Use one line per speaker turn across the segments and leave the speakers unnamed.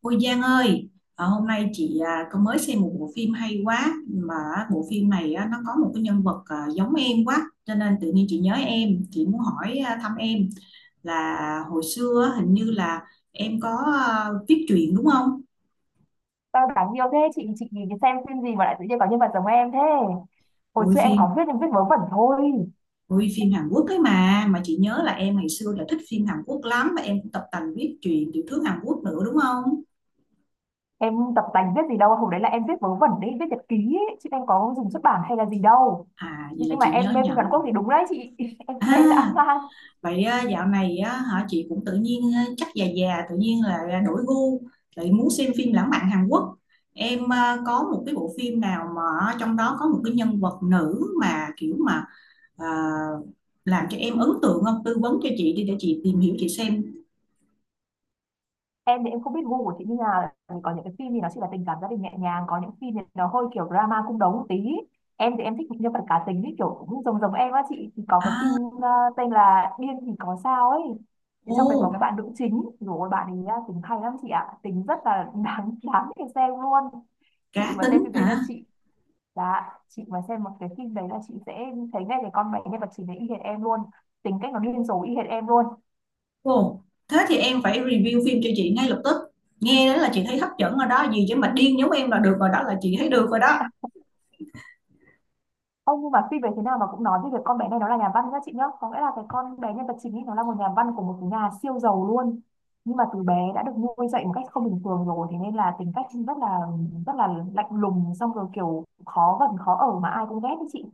Ôi Giang ơi, hôm nay chị có mới xem một bộ phim hay quá mà bộ phim này á, nó có một cái nhân vật giống em quá cho nên tự nhiên chị nhớ em, chị muốn hỏi thăm em là hồi xưa á, hình như là em có viết truyện đúng không?
Tao đáng yêu thế Chị nhìn xem phim gì mà lại tự nhiên có nhân vật giống em thế. Hồi
Ôi
xưa em có
phim,
viết em viết vớ vẩn thôi.
ôi phim Hàn Quốc ấy mà chị nhớ là em ngày xưa là thích phim Hàn Quốc lắm và em cũng tập tành viết truyện tiểu thuyết Hàn Quốc nữa đúng không?
Em tập tành viết gì đâu, hồi đấy là em viết vớ vẩn đấy, viết nhật ký ấy, chứ em có dùng xuất bản hay là gì đâu.
À vậy là
Nhưng mà
chị
em
nhớ
mê phim Hàn Quốc
nhầm.
thì đúng đấy chị, em mê dã
À
man.
vậy dạo này á, hả chị cũng tự nhiên chắc già già tự nhiên là đổi gu lại muốn xem phim lãng mạn Hàn Quốc. Em có một cái bộ phim nào mà trong đó có một cái nhân vật nữ mà kiểu mà à, làm cho em ấn tượng không? Tư vấn cho chị đi để chị tìm hiểu chị xem.
Em thì em không biết gu của chị như nào, có những cái phim thì nó chỉ là tình cảm gia đình nhẹ nhàng, có những phim thì nó hơi kiểu drama cung đấu một tí. Em thì em thích những nhân vật cá tính ấy, kiểu cũng giống giống em á chị, thì có cái phim
À,
ờ, tên là Điên thì có sao ấy. Thì trong đấy có cái
ô,
bạn nữ chính, rồi bạn ấy á, tính hay lắm chị ạ, tính rất là đáng đáng để xem luôn. Chị
cá
mà xem phim
tính
đấy là
hả?
chị là chị mà xem một cái phim đấy là chị sẽ thấy ngay cái con bé nhân vật chính đấy y hệt em luôn, tính cách nó điên rồ y hệt em luôn.
Ồ, thế thì em phải review phim cho chị ngay lập tức. Nghe đó là chị thấy hấp dẫn rồi đó, gì chứ mà điên giống em là được rồi đó là chị thấy được rồi đó.
Ông nhưng mà phi về thế nào mà cũng nói về việc con bé này nó là nhà văn nhá chị nhá. Có nghĩa là cái con bé nhân vật chính ấy nó là một nhà văn của một cái nhà siêu giàu luôn. Nhưng mà từ bé đã được nuôi dạy một cách không bình thường rồi, thế nên là tính cách rất là lạnh lùng, xong rồi kiểu khó gần khó ở mà ai cũng ghét đấy chị.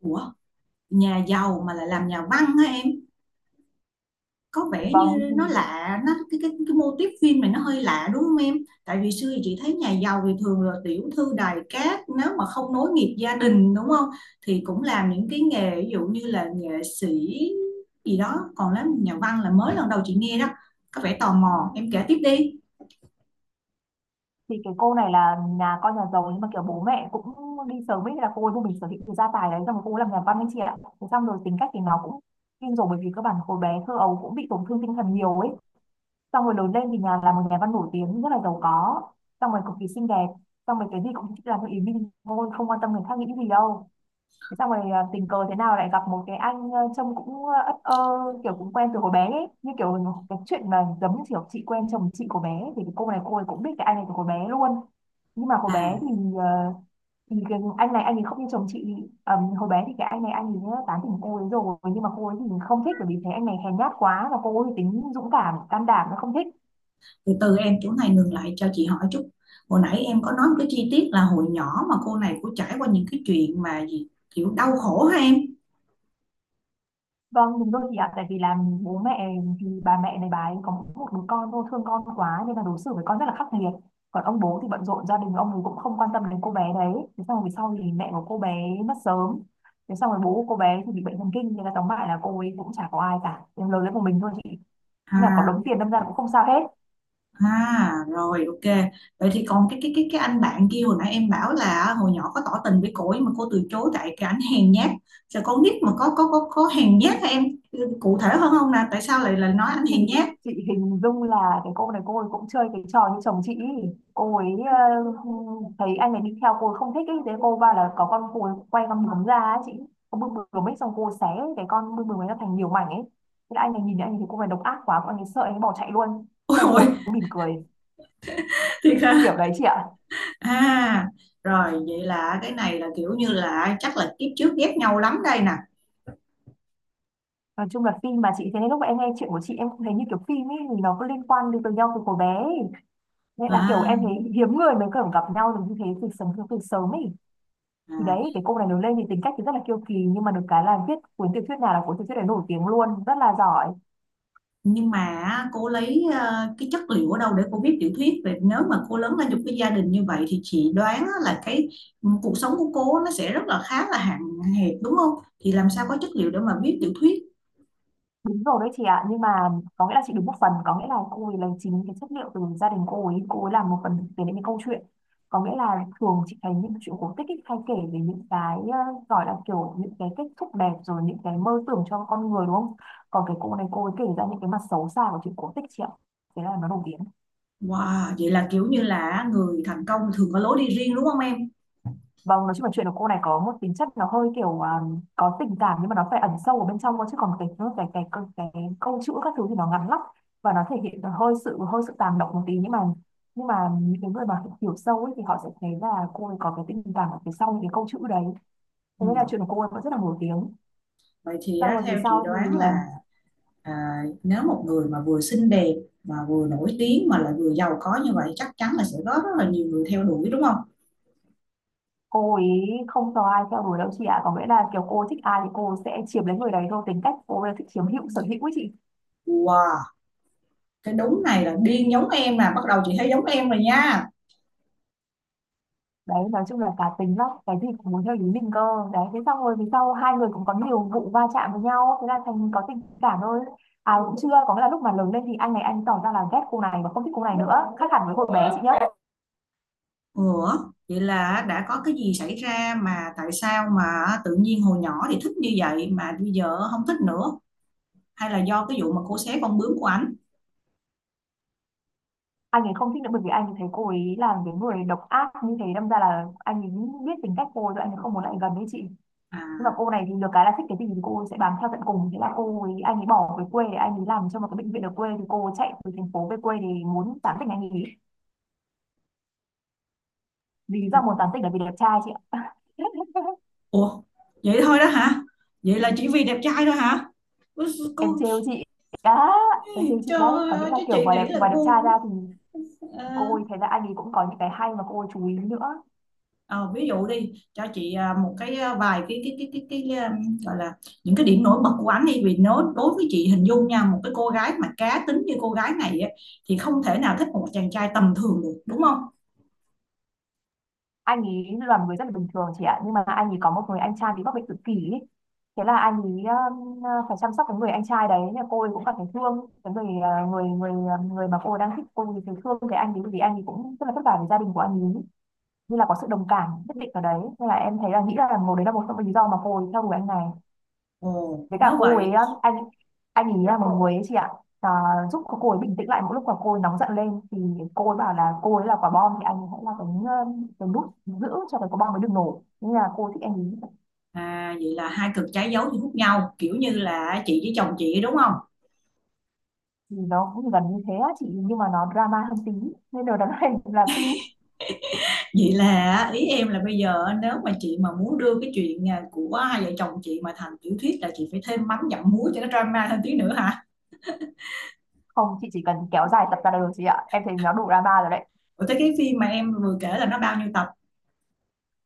Ủa, nhà giàu mà lại làm nhà văn hả em? Có vẻ
Vâng
như
thì,
nó lạ nó cái mô típ phim này nó hơi lạ đúng không em? Tại vì xưa thì chị thấy nhà giàu thì thường là tiểu thư đài cát, nếu mà không nối nghiệp gia đình đúng không thì cũng làm những cái nghề ví dụ như là nghệ sĩ gì đó, còn làm nhà văn là mới lần đầu chị nghe đó. Có vẻ tò mò, em kể tiếp đi.
thì cái cô này là nhà con nhà giàu, nhưng mà kiểu bố mẹ cũng đi sớm ấy, là cô ấy vô mình sở hữu cái gia tài đấy xong rồi cô ấy làm nhà văn anh chị ạ. Thế xong rồi tính cách thì nó cũng kinh rồi, bởi vì các bạn hồi bé thơ ấu cũng bị tổn thương tinh thần nhiều ấy, xong rồi lớn lên thì nhà là một nhà văn nổi tiếng rất là giàu có, xong rồi cực kỳ xinh đẹp, xong rồi cái gì cũng làm theo ý mình thôi, không quan tâm người khác nghĩ gì đâu. Thế xong rồi tình cờ thế nào lại gặp một cái anh trông cũng ất ơ, kiểu cũng quen từ hồi bé ấy, như kiểu cái chuyện mà giống như kiểu chị quen chồng chị của bé ấy. Thì cái cô này cô ấy cũng biết cái anh này từ hồi bé luôn, nhưng mà hồi
À
bé ờ, thì cái anh này anh ấy không như chồng chị. Hồi bé thì cái anh này anh ấy tán tỉnh cô ấy rồi, nhưng mà cô ấy thì không thích, bởi vì thấy anh này hèn nhát quá, và cô ấy thì tính dũng cảm can đảm nó không thích.
từ từ em, chỗ này ngừng lại cho chị hỏi chút. Hồi nãy em có nói một cái chi tiết là hồi nhỏ mà cô này cũng trải qua những cái chuyện mà gì kiểu đau khổ hả em?
Vâng, đúng rồi chị ạ. Tại vì là bố mẹ, thì bà mẹ này bà ấy có mỗi một đứa con thôi, thương con quá nên là đối xử với con rất là khắc nghiệt. Còn ông bố thì bận rộn gia đình, ông ấy cũng không quan tâm đến cô bé đấy. Thế xong rồi về sau thì mẹ của cô bé mất sớm. Thế xong rồi bố của cô bé thì bị bệnh thần kinh, nên là tóm lại là cô ấy cũng chả có ai cả. Em lớn lên một mình thôi chị. Nhưng mà có
À,
đống tiền đâm ra là cũng không sao hết.
à rồi ok. Vậy thì còn cái anh bạn kia hồi nãy em bảo là hồi nhỏ có tỏ tình với cô nhưng mà cô từ chối tại cái anh hèn nhát. Sao con nít mà có hèn nhát hả em? Cụ thể hơn không nè, tại sao lại là nói anh hèn
Thì
nhát?
chị hình dung là cái cô này cô ấy cũng chơi cái trò như chồng chị ý. Cô ấy thấy anh này đi theo cô ấy không thích ý, thế cô va là có con cô ấy quay con bướm ra ấy chị, con bướm bướm ấy xong cô ấy xé cái con bướm bướm ấy ra thành nhiều mảnh ấy, thế là anh này nhìn thấy, anh ấy thấy cô này độc ác quá, anh ấy sợ anh ấy bỏ chạy luôn,
Ôi
xong cô
ôi,
ấy mỉm cười
thiệt hả?
kiểu đấy chị ạ.
À rồi vậy là cái này là kiểu như là chắc là kiếp trước ghét nhau lắm đây nè.
Nói chung là phim mà chị, thế nên lúc mà em nghe chuyện của chị em cũng thấy như kiểu phim ấy, thì nó có liên quan đến với nhau từ hồi bé ấy. Nên là kiểu
À,
em thấy hiếm người mới kiểu gặp nhau được như thế từ sớm ấy. Thì
à.
đấy cái cô này lớn lên thì tính cách thì rất là kiêu kỳ, nhưng mà được cái là viết cuốn tiểu thuyết nào là cuốn tiểu thuyết đấy nổi tiếng luôn, rất là giỏi.
Nhưng mà cô lấy cái chất liệu ở đâu để cô viết tiểu thuyết về, nếu mà cô lớn lên trong cái gia đình như vậy thì chị đoán là cái cuộc sống của cô nó sẽ rất là khá là hạn hẹp đúng không, thì làm sao có chất liệu để mà viết tiểu thuyết?
Đúng rồi đấy chị ạ, nhưng mà có nghĩa là chị đúng một phần, có nghĩa là cô ấy lấy chính cái chất liệu từ gia đình cô ấy, cô ấy làm một phần thực tế đến cái câu chuyện. Có nghĩa là thường chị thấy những chuyện cổ tích ấy, hay kể về những cái gọi là kiểu những cái kết thúc đẹp, rồi những cái mơ tưởng cho con người đúng không, còn cái cô này cô ấy kể ra những cái mặt xấu xa của chuyện cổ tích chị ạ, thế là nó nổi tiếng.
Wow, vậy là kiểu như là người thành công thường có lối đi riêng đúng không em?
Vâng, nói chung là chuyện của cô này có một tính chất nó hơi kiểu có tình cảm nhưng mà nó phải ẩn sâu ở bên trong thôi, chứ còn cái câu chữ các thứ thì nó ngắn lắm, và nó thể hiện hơi sự tàng động một tí, nhưng mà những cái người mà hiểu sâu ấy thì họ sẽ thấy là cô ấy có cái tình cảm ở phía sau những cái câu chữ đấy,
Ừ.
thế nên là chuyện của cô ấy vẫn rất là nổi tiếng.
Vậy thì
Xong
á,
rồi vì
theo chị
sau
đoán
thì
là à, nếu một người mà vừa xinh đẹp mà vừa nổi tiếng mà lại vừa giàu có như vậy chắc chắn là sẽ có rất là nhiều người theo đuổi đúng không?
cô ấy không có ai theo đuổi đâu chị ạ, có nghĩa là kiểu cô thích ai thì cô sẽ chiếm lấy người đấy thôi, tính cách cô ấy là thích chiếm hữu sở hữu ấy chị.
Wow, cái đúng này là điên giống em, là bắt đầu chị thấy giống em rồi nha.
Đấy nói chung là cá tính lắm, cái gì cũng muốn theo ý mình cơ. Đấy thế xong rồi vì sau hai người cũng có nhiều vụ va chạm với nhau, thế là thành có tình cảm thôi, ai cũng chưa, có nghĩa là lúc mà lớn lên thì anh này anh tỏ ra là ghét cô này và không thích cô này nữa, khác hẳn với hồi bé chị nhá.
Ủa vậy là đã có cái gì xảy ra mà tại sao mà tự nhiên hồi nhỏ thì thích như vậy mà bây giờ không thích nữa, hay là do cái vụ mà cô xé con bướm của ảnh?
Anh ấy không thích nữa bởi vì anh ấy thấy cô ấy là cái người độc ác như thế, đâm ra là anh ấy biết tính cách cô ấy rồi, anh ấy không muốn lại gần với chị. Nhưng mà
À,
cô này thì được cái là thích cái gì thì cô ấy sẽ bám theo tận cùng, thế là cô ấy, anh ấy bỏ về quê để anh ấy làm cho một cái bệnh viện ở quê, thì cô ấy chạy từ thành phố về quê để muốn tán tỉnh anh ấy. Lý do muốn tán tỉnh là vì đẹp trai chị ạ.
ủa vậy thôi đó hả? Vậy là chỉ vì đẹp trai thôi hả? Ôi,
Em
cô,
trêu chị đã, em trêu chị đấy,
trời
có nghĩa
ơi
là
chứ
kiểu
chị
ngoài đẹp,
nghĩ là
ngoài đẹp trai ra
gu.
thì
ờ,
cô ấy thấy là anh ấy cũng có những cái hay mà cô ấy chú ý nữa.
Ờ, ví dụ đi cho chị một cái vài cái gọi là những cái điểm nổi bật của anh đi, vì nó đối với chị hình dung nha, một cái cô gái mà cá tính như cô gái này á, thì không thể nào thích một chàng trai tầm thường được đúng không?
Anh ấy là một người rất là bình thường chị ạ, nhưng mà anh ấy có một người anh trai bị mắc bệnh tự kỷ ý. Thế là anh ấy um, phải chăm sóc cái người anh trai đấy. Nên là cô ấy cũng cảm thấy thương cái người người người ờ, người mà cô ấy đang thích, cô ấy thấy thương cái anh ấy vì anh ấy cũng rất là vất vả với gia đình của anh ấy, như là có sự đồng cảm nhất định ở đấy, nên là em thấy là nghĩ là một, đấy là một trong những lý do mà cô ấy theo đuổi anh này.
Ồ,
Với cả
nếu
cô ấy
vậy
á, anh ý là một người ấy chị ạ, à, giúp cô ấy bình tĩnh lại mỗi lúc mà cô ấy nóng giận lên thì cô ấy bảo là cô ấy là quả bom, thì anh hãy là cái cái nút giữ cho cái quả bom mới được nổ, nhưng là cô ấy thích anh ý.
vậy là hai cực trái dấu thì hút nhau, kiểu như là chị với chồng chị đúng không?
Thì nó cũng gần như thế á chị, nhưng mà nó drama hơn tí, nên điều đáng này là phim.
Vậy là ý em là bây giờ nếu mà chị mà muốn đưa cái chuyện của hai vợ chồng chị mà thành tiểu thuyết là chị phải thêm mắm dặm muối cho nó drama thêm tí nữa hả?
Không chị, chỉ cần kéo dài tập ra là được chị ạ, em thấy nó đủ drama rồi đấy.
Ủa thế cái phim mà em vừa kể là nó bao nhiêu tập?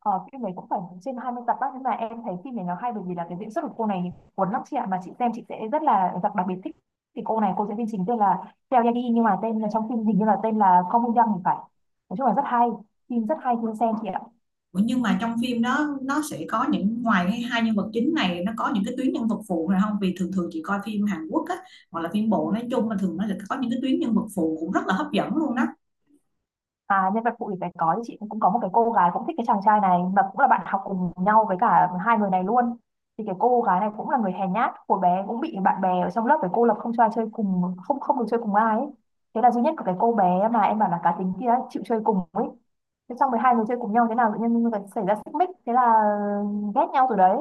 Ờ, phim này cũng phải trên 20 tập á, nhưng mà em thấy phim này nó hay bởi vì là cái diễn xuất của cô này cuốn lắm chị ạ, mà chị xem chị sẽ rất là đặc biệt thích. Thì cô này cô diễn viên chính tên là Seo Ye Ji, nhưng mà tên trong phim hình như là tên là Không Young thì phải. Nói chung là rất hay, phim rất hay khi xem chị ạ.
Nhưng mà trong phim đó nó sẽ có những, ngoài hai nhân vật chính này nó có những cái tuyến nhân vật phụ này không, vì thường thường chị coi phim Hàn Quốc á hoặc là phim bộ nói chung mà thường nó sẽ có những cái tuyến nhân vật phụ cũng rất là hấp dẫn luôn đó.
À, nhân vật phụ thì phải có, thì chị cũng có một cái cô gái cũng thích cái chàng trai này, mà cũng là bạn học cùng nhau với cả hai người này luôn. Thì cái cô gái này cũng là người hèn nhát, hồi bé cũng bị bạn bè ở trong lớp phải cô lập không cho ai chơi cùng, không không được chơi cùng ai ấy. Thế là duy nhất của cái cô bé mà em bảo là cá tính kia ấy, chịu chơi cùng ấy. Thế xong rồi hai người chơi cùng nhau thế nào tự nhiên lại xảy ra xích mích, thế là ghét nhau từ đấy.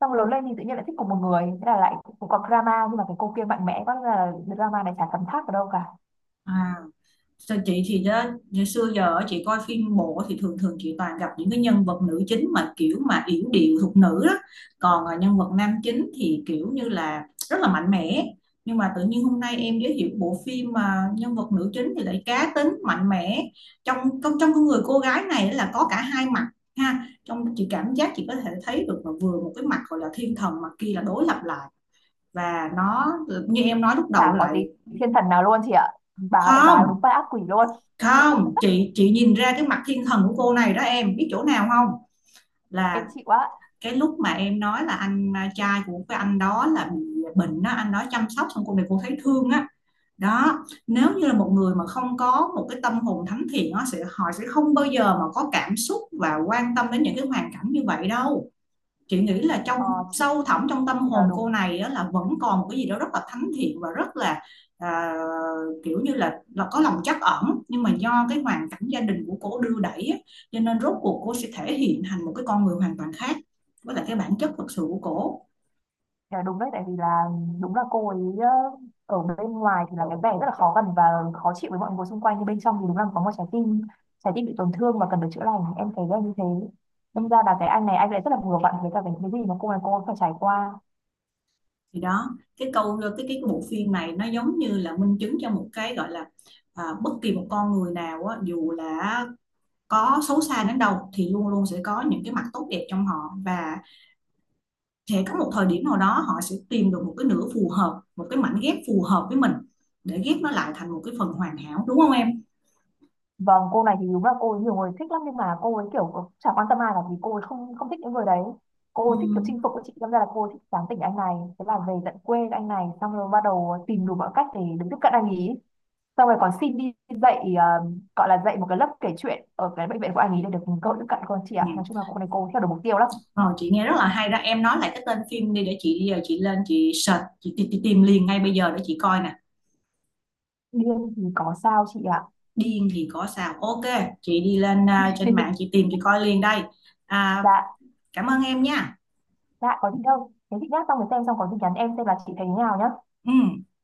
Xong lớn lên thì tự nhiên lại thích cùng một người, thế là lại cũng có drama, nhưng mà cái cô kia mạnh mẽ quá nên là drama này chả thấm tháp ở đâu cả.
À, sao chị thì đó, ngày xưa giờ á, chị coi phim bộ thì thường thường chị toàn gặp những cái nhân vật nữ chính mà kiểu mà yểu điệu thục nữ đó, còn nhân vật nam chính thì kiểu như là rất là mạnh mẽ. Nhưng mà tự nhiên hôm nay em giới thiệu bộ phim mà nhân vật nữ chính thì lại cá tính mạnh mẽ, trong trong trong cái người cô gái này là có cả hai mặt, ha, trong chị cảm giác chị có thể thấy được là vừa một cái mặt gọi là thiên thần mà kia là đối lập lại và nó như em nói lúc đầu
Chả có tí
lại.
thiên thần nào luôn chị ạ, bà này bà
Không,
đúng bắt ác quỷ luôn.
không chị, chị nhìn ra cái mặt thiên thần của cô này đó em biết chỗ nào không, là
Em chịu quá.
cái lúc mà em nói là anh trai của cái anh đó là bị bệnh đó, anh đó chăm sóc xong cô này cô thấy thương á. Đó, nếu như là một người mà không có một cái tâm hồn thánh thiện nó sẽ, họ sẽ không bao giờ mà có cảm xúc và quan tâm đến những cái hoàn cảnh như vậy đâu. Chị nghĩ là trong
ờ, chị
sâu thẳm trong tâm
chị nói
hồn cô
đúng.
này á, là vẫn còn một cái gì đó rất là thánh thiện và rất là à, kiểu như là có lòng trắc ẩn, nhưng mà do cái hoàn cảnh gia đình của cô đưa đẩy á, cho nên rốt cuộc cô sẽ thể hiện thành một cái con người hoàn toàn khác với lại cái bản chất thực sự của cô.
Chị nói đúng đấy, tại vì là đúng là cô ấy ở bên ngoài thì là cái vẻ rất là khó gần và khó chịu với mọi người xung quanh, nhưng bên trong thì đúng là có một trái tim bị tổn thương và cần được chữa lành, em thấy là như thế.
Ừ.
Đâm ra là cái anh này anh lại rất là vừa vặn với cả cái gì mà cô này cô ấy phải trải qua.
Thì đó, cái câu cái bộ phim này nó giống như là minh chứng cho một cái gọi là bất kỳ một con người nào á, dù là có xấu xa đến đâu thì luôn luôn sẽ có những cái mặt tốt đẹp trong họ và sẽ có một thời điểm nào đó họ sẽ tìm được một cái nửa phù hợp, một cái mảnh ghép phù hợp với mình để ghép nó lại thành một cái phần hoàn hảo đúng không em?
Vâng, cô này thì đúng là cô ấy nhiều người thích lắm, nhưng mà cô ấy kiểu chả quan tâm ai cả, vì cô ấy không không thích những người đấy. Cô ấy thích kiểu
Ừm.
chinh phục của chị, đâm ra là cô ấy thích tán tỉnh anh này, thế là về tận quê anh này xong rồi bắt đầu tìm đủ mọi cách để được tiếp cận anh ý. Xong rồi còn xin đi dạy ờ, gọi là dạy một cái lớp kể chuyện ở cái bệnh viện của anh ý để được cơ hội tiếp cận con chị
Ừ.
ạ. Nói chung là cô này cô theo được mục tiêu lắm.
Rồi chị nghe rất là hay đó, em nói lại cái tên phim đi để chị giờ chị lên chị search chị, tìm liền ngay bây giờ để chị coi nè.
Điên thì có sao chị ạ?
Điên thì có sao, ok. Chị đi lên trên mạng chị tìm chị coi liền đây. à,
Dạ,
Cảm ơn em nha.
dạ có gì đâu. Thế chị nhá, xong rồi xem xong có gì nhắn em xem là chị thấy thế nào nhá.
Ừ.